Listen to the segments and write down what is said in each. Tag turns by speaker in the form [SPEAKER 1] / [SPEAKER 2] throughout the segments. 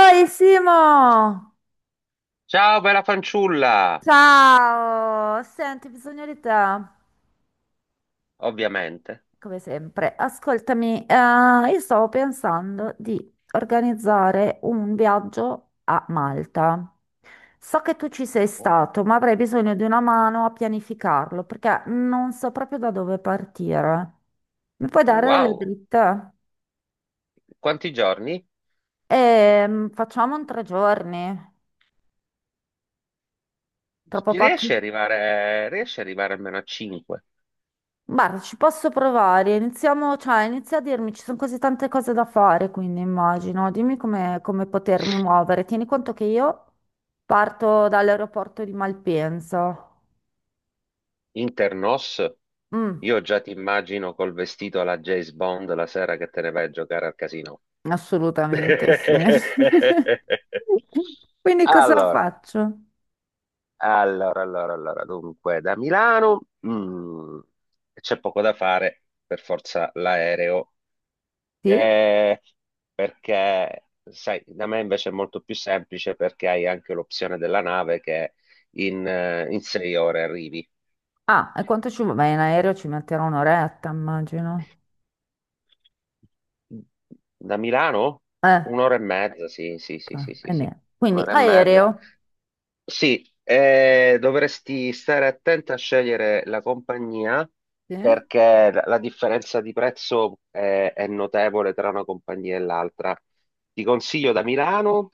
[SPEAKER 1] Oi Simo!
[SPEAKER 2] Ciao, bella fanciulla!
[SPEAKER 1] Ciao! Senti, ho bisogno di te,
[SPEAKER 2] Ovviamente.
[SPEAKER 1] come sempre. Ascoltami, io stavo pensando di organizzare un viaggio a Malta. So che tu ci sei
[SPEAKER 2] Oh,
[SPEAKER 1] stato, ma avrei bisogno di una mano a pianificarlo, perché non so proprio da dove partire. Mi puoi dare delle
[SPEAKER 2] wow,
[SPEAKER 1] dritte?
[SPEAKER 2] quanti giorni?
[SPEAKER 1] Facciamo un tre giorni, troppo
[SPEAKER 2] Riesci
[SPEAKER 1] pochi.
[SPEAKER 2] ad arrivare, riesci ad arrivare almeno a 5?
[SPEAKER 1] Guarda, ci posso provare. Iniziamo, cioè, inizia a dirmi, ci sono così tante cose da fare, quindi immagino. Dimmi come, come potermi muovere. Tieni conto che io parto dall'aeroporto di Malpensa.
[SPEAKER 2] Internos?
[SPEAKER 1] Mm,
[SPEAKER 2] Io già ti immagino col vestito alla James Bond la sera che te ne vai a giocare al casino.
[SPEAKER 1] assolutamente sì. Quindi cosa
[SPEAKER 2] Allora,
[SPEAKER 1] faccio?
[SPEAKER 2] allora, dunque, da Milano, c'è poco da fare, per forza l'aereo.
[SPEAKER 1] Sì?
[SPEAKER 2] Eh, Perché, sai, da me invece è molto più semplice perché hai anche l'opzione della nave che in 6 ore arrivi.
[SPEAKER 1] Ah, e quanto ci vuole? Beh, in aereo ci metterò un'oretta, immagino.
[SPEAKER 2] Da Milano?
[SPEAKER 1] Eh,
[SPEAKER 2] Un'ora e mezza, sì, sì, sì, sì,
[SPEAKER 1] ok,
[SPEAKER 2] sì,
[SPEAKER 1] e
[SPEAKER 2] sì.
[SPEAKER 1] niente. Quindi
[SPEAKER 2] Un'ora e mezza.
[SPEAKER 1] aereo.
[SPEAKER 2] Sì, dovresti stare attenta a scegliere la compagnia,
[SPEAKER 1] Sì?
[SPEAKER 2] perché la differenza di prezzo è notevole tra una compagnia e l'altra. Ti consiglio da Milano,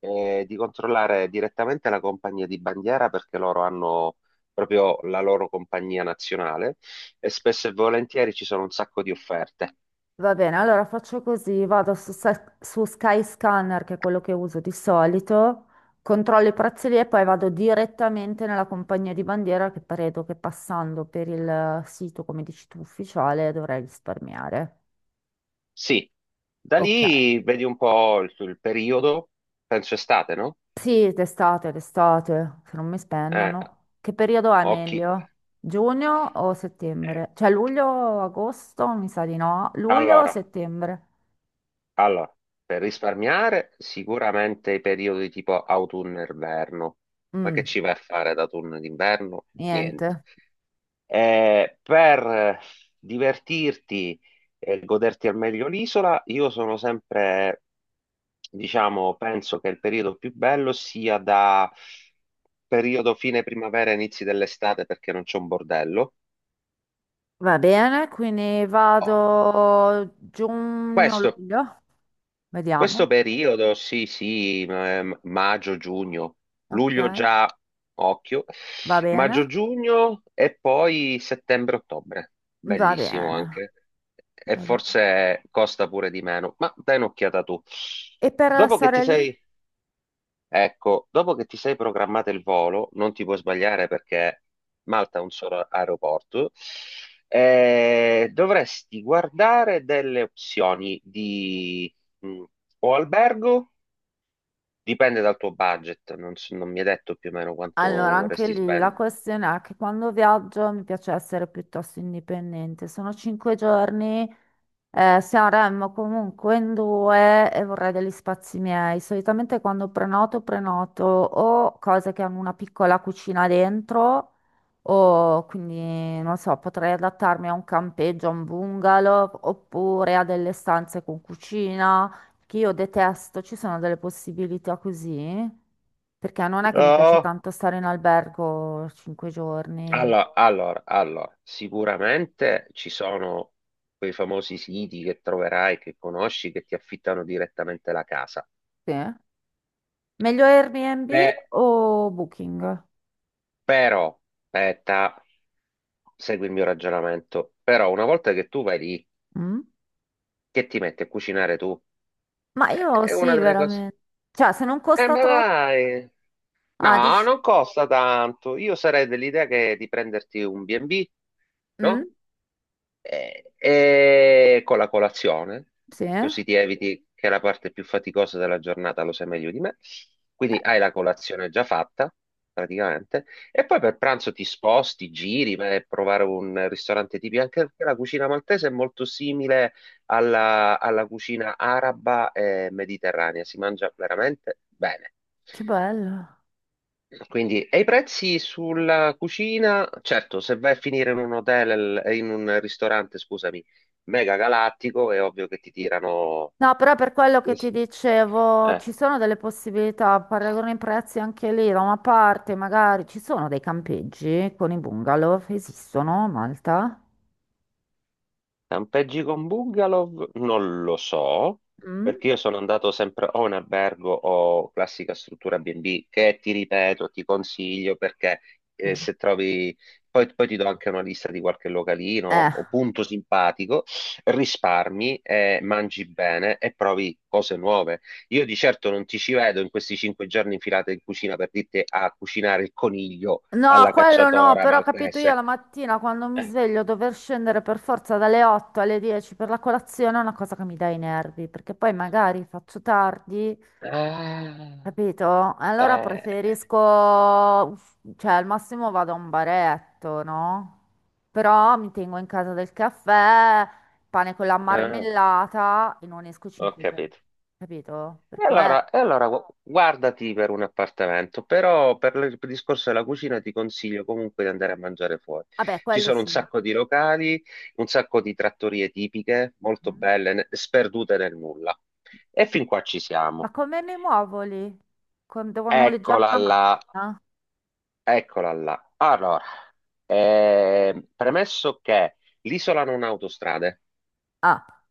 [SPEAKER 2] di controllare direttamente la compagnia di bandiera, perché loro hanno proprio la loro compagnia nazionale e spesso e volentieri ci sono un sacco di offerte.
[SPEAKER 1] Va bene, allora faccio così, vado su, Sa- su Skyscanner, che è quello che uso di solito, controllo i prezzi lì e poi vado direttamente nella compagnia di bandiera che credo che passando per il sito, come dici tu, ufficiale dovrei risparmiare.
[SPEAKER 2] Sì, da
[SPEAKER 1] Ok.
[SPEAKER 2] lì vedi un po' il periodo, penso estate, no?
[SPEAKER 1] Sì, d'estate, d'estate, se non mi
[SPEAKER 2] Eh,
[SPEAKER 1] spennano. Che periodo è
[SPEAKER 2] occhi.
[SPEAKER 1] meglio? Giugno o
[SPEAKER 2] eh,
[SPEAKER 1] settembre? Cioè luglio, agosto? Mi sa di no. Luglio o
[SPEAKER 2] allora,
[SPEAKER 1] settembre?
[SPEAKER 2] Allora, per risparmiare sicuramente i periodi tipo autunno-inverno, ma che
[SPEAKER 1] Mm,
[SPEAKER 2] ci vai a fare da autunno ed inverno? Niente.
[SPEAKER 1] niente.
[SPEAKER 2] Per divertirti e goderti al meglio l'isola, io sono sempre, diciamo, penso che il periodo più bello sia da periodo fine primavera, inizi dell'estate, perché non c'è un bordello.
[SPEAKER 1] Va bene, quindi
[SPEAKER 2] Oh,
[SPEAKER 1] vado
[SPEAKER 2] Questo
[SPEAKER 1] giugno-luglio,
[SPEAKER 2] Questo
[SPEAKER 1] vediamo,
[SPEAKER 2] periodo, sì, sì, maggio, giugno, luglio
[SPEAKER 1] ok,
[SPEAKER 2] già, occhio,
[SPEAKER 1] va bene,
[SPEAKER 2] maggio, giugno e poi settembre, ottobre,
[SPEAKER 1] va
[SPEAKER 2] bellissimo
[SPEAKER 1] bene,
[SPEAKER 2] anche, e
[SPEAKER 1] va bene.
[SPEAKER 2] forse costa pure di meno, ma dai un'occhiata tu.
[SPEAKER 1] E per
[SPEAKER 2] Dopo che ti
[SPEAKER 1] stare lì?
[SPEAKER 2] sei, Ecco, dopo che ti sei programmato il volo, non ti puoi sbagliare, perché Malta ha un solo aeroporto. Dovresti guardare delle opzioni di mh, o albergo, dipende dal tuo budget, non mi hai detto più o meno quanto
[SPEAKER 1] Allora, anche
[SPEAKER 2] vorresti
[SPEAKER 1] lì la
[SPEAKER 2] spendere.
[SPEAKER 1] questione è che quando viaggio mi piace essere piuttosto indipendente. Sono cinque giorni. Sanremo comunque in due e vorrei degli spazi miei. Solitamente quando prenoto, prenoto o cose che hanno una piccola cucina dentro, o quindi non so, potrei adattarmi a un campeggio, a un bungalow, oppure a delle stanze con cucina, che io detesto. Ci sono delle possibilità così, perché non è che mi piace
[SPEAKER 2] Oh,
[SPEAKER 1] tanto stare in albergo cinque giorni.
[SPEAKER 2] allora, sicuramente ci sono quei famosi siti che troverai, che conosci, che ti affittano direttamente la casa.
[SPEAKER 1] Sì. Meglio Airbnb
[SPEAKER 2] Beh,
[SPEAKER 1] o Booking?
[SPEAKER 2] però, aspetta, segui il mio ragionamento. Però una volta che tu vai lì,
[SPEAKER 1] Mm?
[SPEAKER 2] che ti metti a cucinare tu?
[SPEAKER 1] Ma io
[SPEAKER 2] È una
[SPEAKER 1] sì,
[SPEAKER 2] delle cose.
[SPEAKER 1] veramente. Cioè, se non costa
[SPEAKER 2] Ma
[SPEAKER 1] troppo...
[SPEAKER 2] dai,
[SPEAKER 1] Ah,
[SPEAKER 2] no,
[SPEAKER 1] dici...
[SPEAKER 2] non costa tanto. Io sarei dell'idea che di prenderti un B&B, no?
[SPEAKER 1] Mm?
[SPEAKER 2] E con la colazione,
[SPEAKER 1] Sì?
[SPEAKER 2] così ti eviti che la parte più faticosa della giornata lo sai meglio di me. Quindi hai la colazione già fatta, praticamente, e poi per pranzo ti sposti, giri, vai a provare un ristorante tipico, anche perché la cucina maltese è molto simile alla cucina araba e mediterranea, si mangia veramente bene.
[SPEAKER 1] Che bello.
[SPEAKER 2] Quindi, e i prezzi sulla cucina? Certo, se vai a finire in un hotel, in un ristorante, scusami, mega galattico, è ovvio che ti tirano...
[SPEAKER 1] No, però per quello che ti dicevo,
[SPEAKER 2] Eh,
[SPEAKER 1] ci sono delle possibilità, paragono i prezzi anche lì, da una parte magari ci sono dei campeggi con i bungalow, esistono a Malta?
[SPEAKER 2] Campeggi con bungalow? Non lo so,
[SPEAKER 1] Mm?
[SPEAKER 2] perché io sono andato sempre o in albergo o classica struttura B&B, che, ti ripeto, ti consiglio, perché
[SPEAKER 1] Sì.
[SPEAKER 2] se trovi, poi, ti do anche una lista di qualche localino
[SPEAKER 1] Eh.
[SPEAKER 2] o punto simpatico, risparmi, mangi bene e provi cose nuove. Io di certo non ti ci vedo in questi 5 giorni infilati in cucina per dirti a cucinare il coniglio
[SPEAKER 1] No,
[SPEAKER 2] alla
[SPEAKER 1] quello no,
[SPEAKER 2] cacciatora
[SPEAKER 1] però ho capito, io
[SPEAKER 2] maltese.
[SPEAKER 1] la mattina quando mi sveglio dover scendere per forza dalle 8 alle 10 per la colazione è una cosa che mi dà i nervi, perché poi magari faccio tardi.
[SPEAKER 2] Eh,
[SPEAKER 1] Capito? Allora
[SPEAKER 2] ah, eh,
[SPEAKER 1] preferisco, cioè al massimo vado a un baretto, no? Però mi tengo in casa del caffè, pane con la
[SPEAKER 2] Ah,
[SPEAKER 1] marmellata e non esco
[SPEAKER 2] ho
[SPEAKER 1] cinque giorni.
[SPEAKER 2] capito.
[SPEAKER 1] Capito? Per
[SPEAKER 2] E
[SPEAKER 1] quello.
[SPEAKER 2] allora, e allora guardati per un appartamento, però per il discorso della cucina ti consiglio comunque di andare a mangiare fuori.
[SPEAKER 1] Vabbè,
[SPEAKER 2] Ci
[SPEAKER 1] quello
[SPEAKER 2] sono un
[SPEAKER 1] sì.
[SPEAKER 2] sacco di locali, un sacco di trattorie tipiche, molto
[SPEAKER 1] Mm.
[SPEAKER 2] belle, sperdute nel nulla. E fin qua ci
[SPEAKER 1] Ma
[SPEAKER 2] siamo.
[SPEAKER 1] come mi muovo lì? Con- devo noleggiare
[SPEAKER 2] Eccola
[SPEAKER 1] una
[SPEAKER 2] là,
[SPEAKER 1] macchina?
[SPEAKER 2] eccola là. Allora, premesso che l'isola non ha autostrade,
[SPEAKER 1] Ah,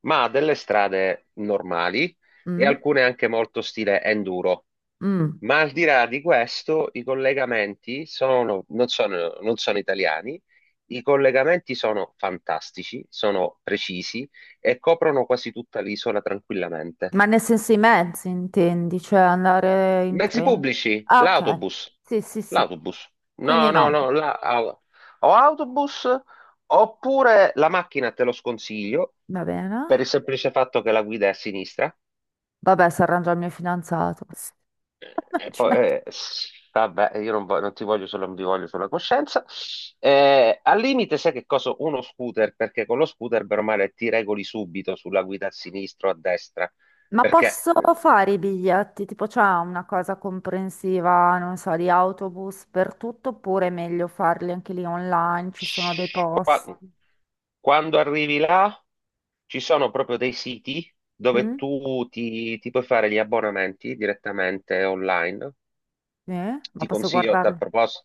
[SPEAKER 2] ma ha delle strade normali e
[SPEAKER 1] mm,
[SPEAKER 2] alcune anche molto stile enduro.
[SPEAKER 1] mm.
[SPEAKER 2] Ma al di là di questo, i collegamenti non sono italiani, i collegamenti sono fantastici, sono precisi e coprono quasi tutta l'isola tranquillamente.
[SPEAKER 1] Ma nel senso i mezzi intendi, cioè andare in
[SPEAKER 2] Mezzi
[SPEAKER 1] treno?
[SPEAKER 2] pubblici,
[SPEAKER 1] Ah, ok.
[SPEAKER 2] l'autobus,
[SPEAKER 1] Sì, sì, sì.
[SPEAKER 2] l'autobus,
[SPEAKER 1] Quindi
[SPEAKER 2] no, no,
[SPEAKER 1] no.
[SPEAKER 2] no, o autobus oppure la macchina te lo sconsiglio
[SPEAKER 1] Va bene.
[SPEAKER 2] per il semplice fatto che la guida è a sinistra.
[SPEAKER 1] Vabbè, si arrangia il mio fidanzato. Non
[SPEAKER 2] E
[SPEAKER 1] ci
[SPEAKER 2] poi,
[SPEAKER 1] metto-
[SPEAKER 2] vabbè, io non, vo- non ti voglio solo, non vi voglio sulla coscienza. Al limite, sai che cosa? Uno scooter, perché con lo scooter, bene o male, ti regoli subito sulla guida a sinistra o a destra,
[SPEAKER 1] Ma
[SPEAKER 2] perché
[SPEAKER 1] posso fare i biglietti? Tipo, c'è una cosa comprensiva, non so, di autobus per tutto, oppure è meglio farli anche lì online? Ci sono dei posti.
[SPEAKER 2] quando arrivi là ci sono proprio dei siti dove
[SPEAKER 1] Mm?
[SPEAKER 2] tu ti puoi fare gli abbonamenti direttamente online.
[SPEAKER 1] Sì? Ma
[SPEAKER 2] Ti
[SPEAKER 1] posso
[SPEAKER 2] consiglio a tal
[SPEAKER 1] guardarli?
[SPEAKER 2] propos-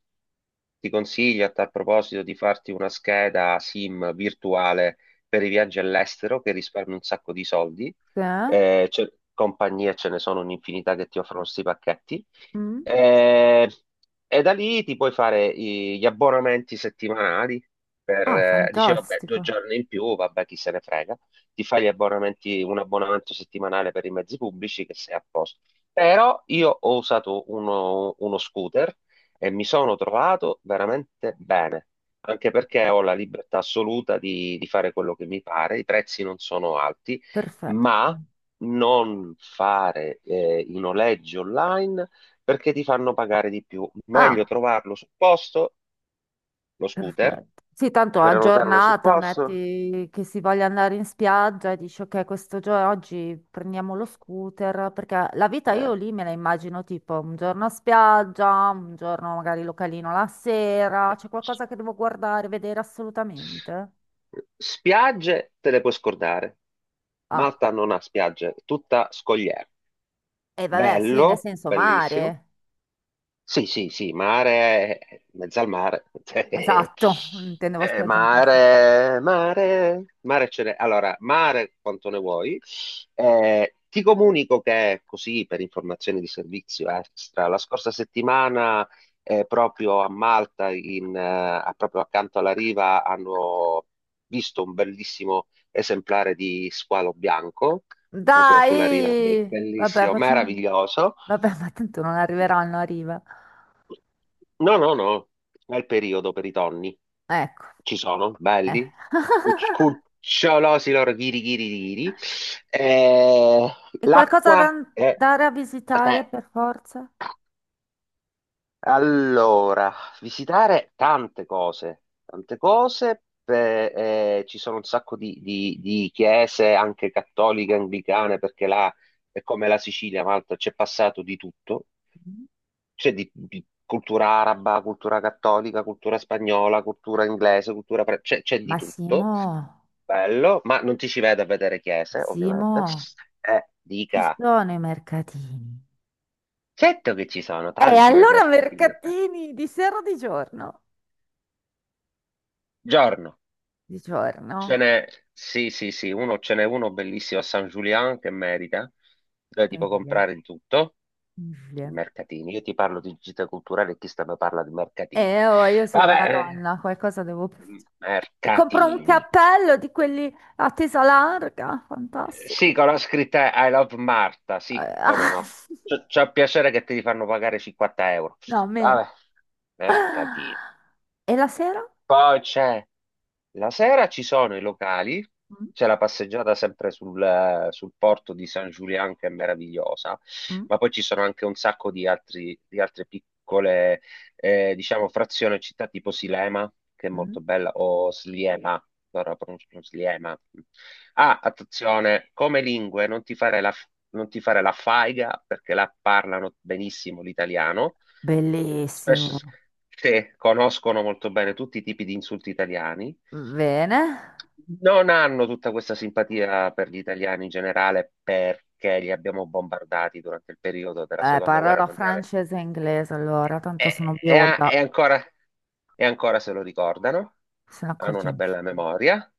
[SPEAKER 2] Ti consiglio a tal proposito di farti una scheda SIM virtuale per i viaggi all'estero, che risparmi un sacco di soldi.
[SPEAKER 1] Sì?
[SPEAKER 2] Compagnie ce ne sono un'infinità che ti offrono questi pacchetti.
[SPEAKER 1] Mm?
[SPEAKER 2] Eh, e da lì ti puoi fare gli abbonamenti settimanali, per,
[SPEAKER 1] Ah,
[SPEAKER 2] dice, vabbè, due
[SPEAKER 1] fantastico.
[SPEAKER 2] giorni in più, vabbè, chi se ne frega. Ti fai gli abbonamenti, un abbonamento settimanale per i mezzi pubblici, che sei a posto. Però io ho usato uno scooter e mi sono trovato veramente bene, anche perché ho la libertà assoluta di fare quello che mi pare, i prezzi non sono alti,
[SPEAKER 1] Perfetto.
[SPEAKER 2] ma non fare i noleggi online perché ti fanno pagare di più. Meglio
[SPEAKER 1] Ah,
[SPEAKER 2] trovarlo sul posto, lo scooter,
[SPEAKER 1] perfetto. Sì, tanto a
[SPEAKER 2] prenotarlo sul
[SPEAKER 1] giornata
[SPEAKER 2] posto.
[SPEAKER 1] metti che si voglia andare in spiaggia e dici ok, questo giorno oggi prendiamo lo scooter, perché la vita
[SPEAKER 2] eh.
[SPEAKER 1] io lì me la immagino tipo un giorno a spiaggia, un giorno magari localino la sera, c'è qualcosa che devo guardare, vedere assolutamente.
[SPEAKER 2] Spiagge te le puoi scordare.
[SPEAKER 1] Ah,
[SPEAKER 2] Malta non ha spiagge, tutta scogliera.
[SPEAKER 1] e vabbè, sì, nel
[SPEAKER 2] Bello,
[SPEAKER 1] senso
[SPEAKER 2] bellissimo.
[SPEAKER 1] mare.
[SPEAKER 2] Sì, sì, sì, mare, mezzo al mare, cioè,
[SPEAKER 1] Esatto, intendevo spiaggia in questo.
[SPEAKER 2] Mare, mare, mare ce n'è. Allora, mare quanto ne vuoi. Ti comunico che, così, per informazioni di servizio extra, la scorsa settimana, proprio a Malta, proprio accanto alla riva, hanno visto un bellissimo esemplare di squalo bianco, proprio sulla riva,
[SPEAKER 1] Dai! Vabbè,
[SPEAKER 2] bellissimo,
[SPEAKER 1] facciamo...
[SPEAKER 2] meraviglioso.
[SPEAKER 1] Vabbè, ma tanto non arriveranno a riva.
[SPEAKER 2] No, no, no, è il periodo per i tonni.
[SPEAKER 1] Ecco.
[SPEAKER 2] Ci sono,
[SPEAKER 1] Eh.
[SPEAKER 2] belli, cuc- cucciolosi loro, ghiri, ghiri, ghiri. Eh,
[SPEAKER 1] E qualcosa da
[SPEAKER 2] l'acqua è...
[SPEAKER 1] andare a visitare
[SPEAKER 2] eh,
[SPEAKER 1] per forza?
[SPEAKER 2] Allora, visitare tante cose, ci sono un sacco di chiese, anche cattoliche, anglicane, perché là è come la Sicilia, Malta, c'è passato di tutto. Cioè di cultura araba, cultura cattolica, cultura spagnola, cultura inglese, c'è di
[SPEAKER 1] Ma
[SPEAKER 2] tutto,
[SPEAKER 1] Simo,
[SPEAKER 2] bello, ma non ti ci vedo a vedere chiese,
[SPEAKER 1] Simo,
[SPEAKER 2] ovviamente.
[SPEAKER 1] ci
[SPEAKER 2] Dica,
[SPEAKER 1] sono i mercatini.
[SPEAKER 2] certo che ci sono
[SPEAKER 1] E
[SPEAKER 2] tanti per
[SPEAKER 1] allora
[SPEAKER 2] mercatini del Re.
[SPEAKER 1] mercatini di sera o di giorno?
[SPEAKER 2] Giorno,
[SPEAKER 1] Di
[SPEAKER 2] ce
[SPEAKER 1] giorno.
[SPEAKER 2] n'è, sì, sì, sì, uno, ce n'è uno bellissimo a San Julian che merita, dove ti puoi
[SPEAKER 1] Incredibile,
[SPEAKER 2] comprare di tutto,
[SPEAKER 1] incredibile.
[SPEAKER 2] mercatini. Io ti parlo di gite culturali e chi sta mi parla di mercatini.
[SPEAKER 1] E oh, io sono una
[SPEAKER 2] Vabbè,
[SPEAKER 1] donna, qualcosa devo... fare.
[SPEAKER 2] eh,
[SPEAKER 1] Mi compro un
[SPEAKER 2] mercatini.
[SPEAKER 1] cappello di quelli a tesa larga, fantastico.
[SPEAKER 2] Sì, con la scritta I love Marta, sì, come
[SPEAKER 1] Ah,
[SPEAKER 2] no. C'è il piacere che te li fanno pagare 50 euro.
[SPEAKER 1] no,
[SPEAKER 2] Vabbè,
[SPEAKER 1] meno.
[SPEAKER 2] mercatino.
[SPEAKER 1] E la sera?
[SPEAKER 2] Poi c'è La sera ci sono i locali,
[SPEAKER 1] Mm,
[SPEAKER 2] c'è la passeggiata sempre sul porto di San Giuliano, che è meravigliosa,
[SPEAKER 1] mm,
[SPEAKER 2] ma poi ci sono anche un sacco di altre piccole, diciamo, frazioni e città tipo Silema, che è
[SPEAKER 1] mm.
[SPEAKER 2] molto bella, o Sliema, allora pronuncio Sliema. Ah, attenzione, come lingue non ti fare la faiga, perché la parlano benissimo l'italiano. Spesso
[SPEAKER 1] Bellissimo.
[SPEAKER 2] se conoscono molto bene tutti i tipi di insulti italiani,
[SPEAKER 1] Bene,
[SPEAKER 2] non hanno tutta questa simpatia per gli italiani in generale perché li abbiamo bombardati durante il periodo della seconda guerra
[SPEAKER 1] parlerò
[SPEAKER 2] mondiale
[SPEAKER 1] francese e inglese allora, tanto
[SPEAKER 2] e,
[SPEAKER 1] sono
[SPEAKER 2] e a-
[SPEAKER 1] bionda,
[SPEAKER 2] e ancora, e ancora se lo ricordano,
[SPEAKER 1] se ne
[SPEAKER 2] hanno
[SPEAKER 1] accorge
[SPEAKER 2] una bella
[SPEAKER 1] nessuno.
[SPEAKER 2] memoria.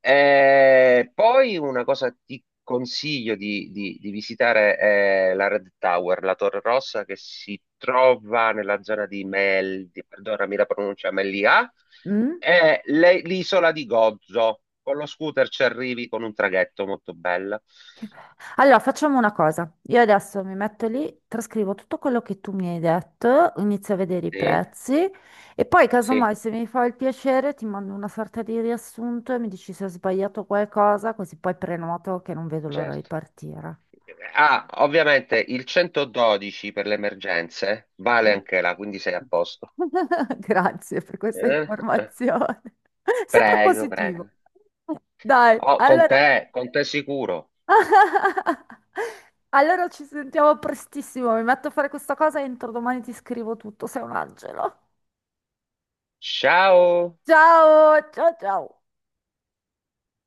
[SPEAKER 2] Poi una cosa ti consiglio di visitare è la Red Tower, la Torre Rossa, che si trova nella zona di perdonami la pronuncia, Melia,
[SPEAKER 1] Mm?
[SPEAKER 2] è l'isola di Gozo. Con lo scooter ci arrivi con un traghetto molto bello.
[SPEAKER 1] Che be- Allora, facciamo una cosa. Io adesso mi metto lì, trascrivo tutto quello che tu mi hai detto, inizio a vedere i
[SPEAKER 2] Sì,
[SPEAKER 1] prezzi e poi,
[SPEAKER 2] sì,
[SPEAKER 1] casomai, se mi fa il piacere, ti mando una sorta di riassunto e mi dici se ho sbagliato qualcosa, così poi prenoto che non vedo l'ora di
[SPEAKER 2] certo.
[SPEAKER 1] partire.
[SPEAKER 2] Ah, ovviamente il 112 per le emergenze vale
[SPEAKER 1] Mm.
[SPEAKER 2] anche là, quindi sei a posto.
[SPEAKER 1] Grazie per questa
[SPEAKER 2] Eh? eh.
[SPEAKER 1] informazione. Sempre
[SPEAKER 2] Prego,
[SPEAKER 1] positivo.
[SPEAKER 2] prego.
[SPEAKER 1] Dai,
[SPEAKER 2] Oh,
[SPEAKER 1] allora.
[SPEAKER 2] con te sicuro.
[SPEAKER 1] Allora ci sentiamo prestissimo. Mi metto a fare questa cosa e entro domani ti scrivo tutto. Sei un angelo.
[SPEAKER 2] Ciao.
[SPEAKER 1] Ciao, ciao, ciao.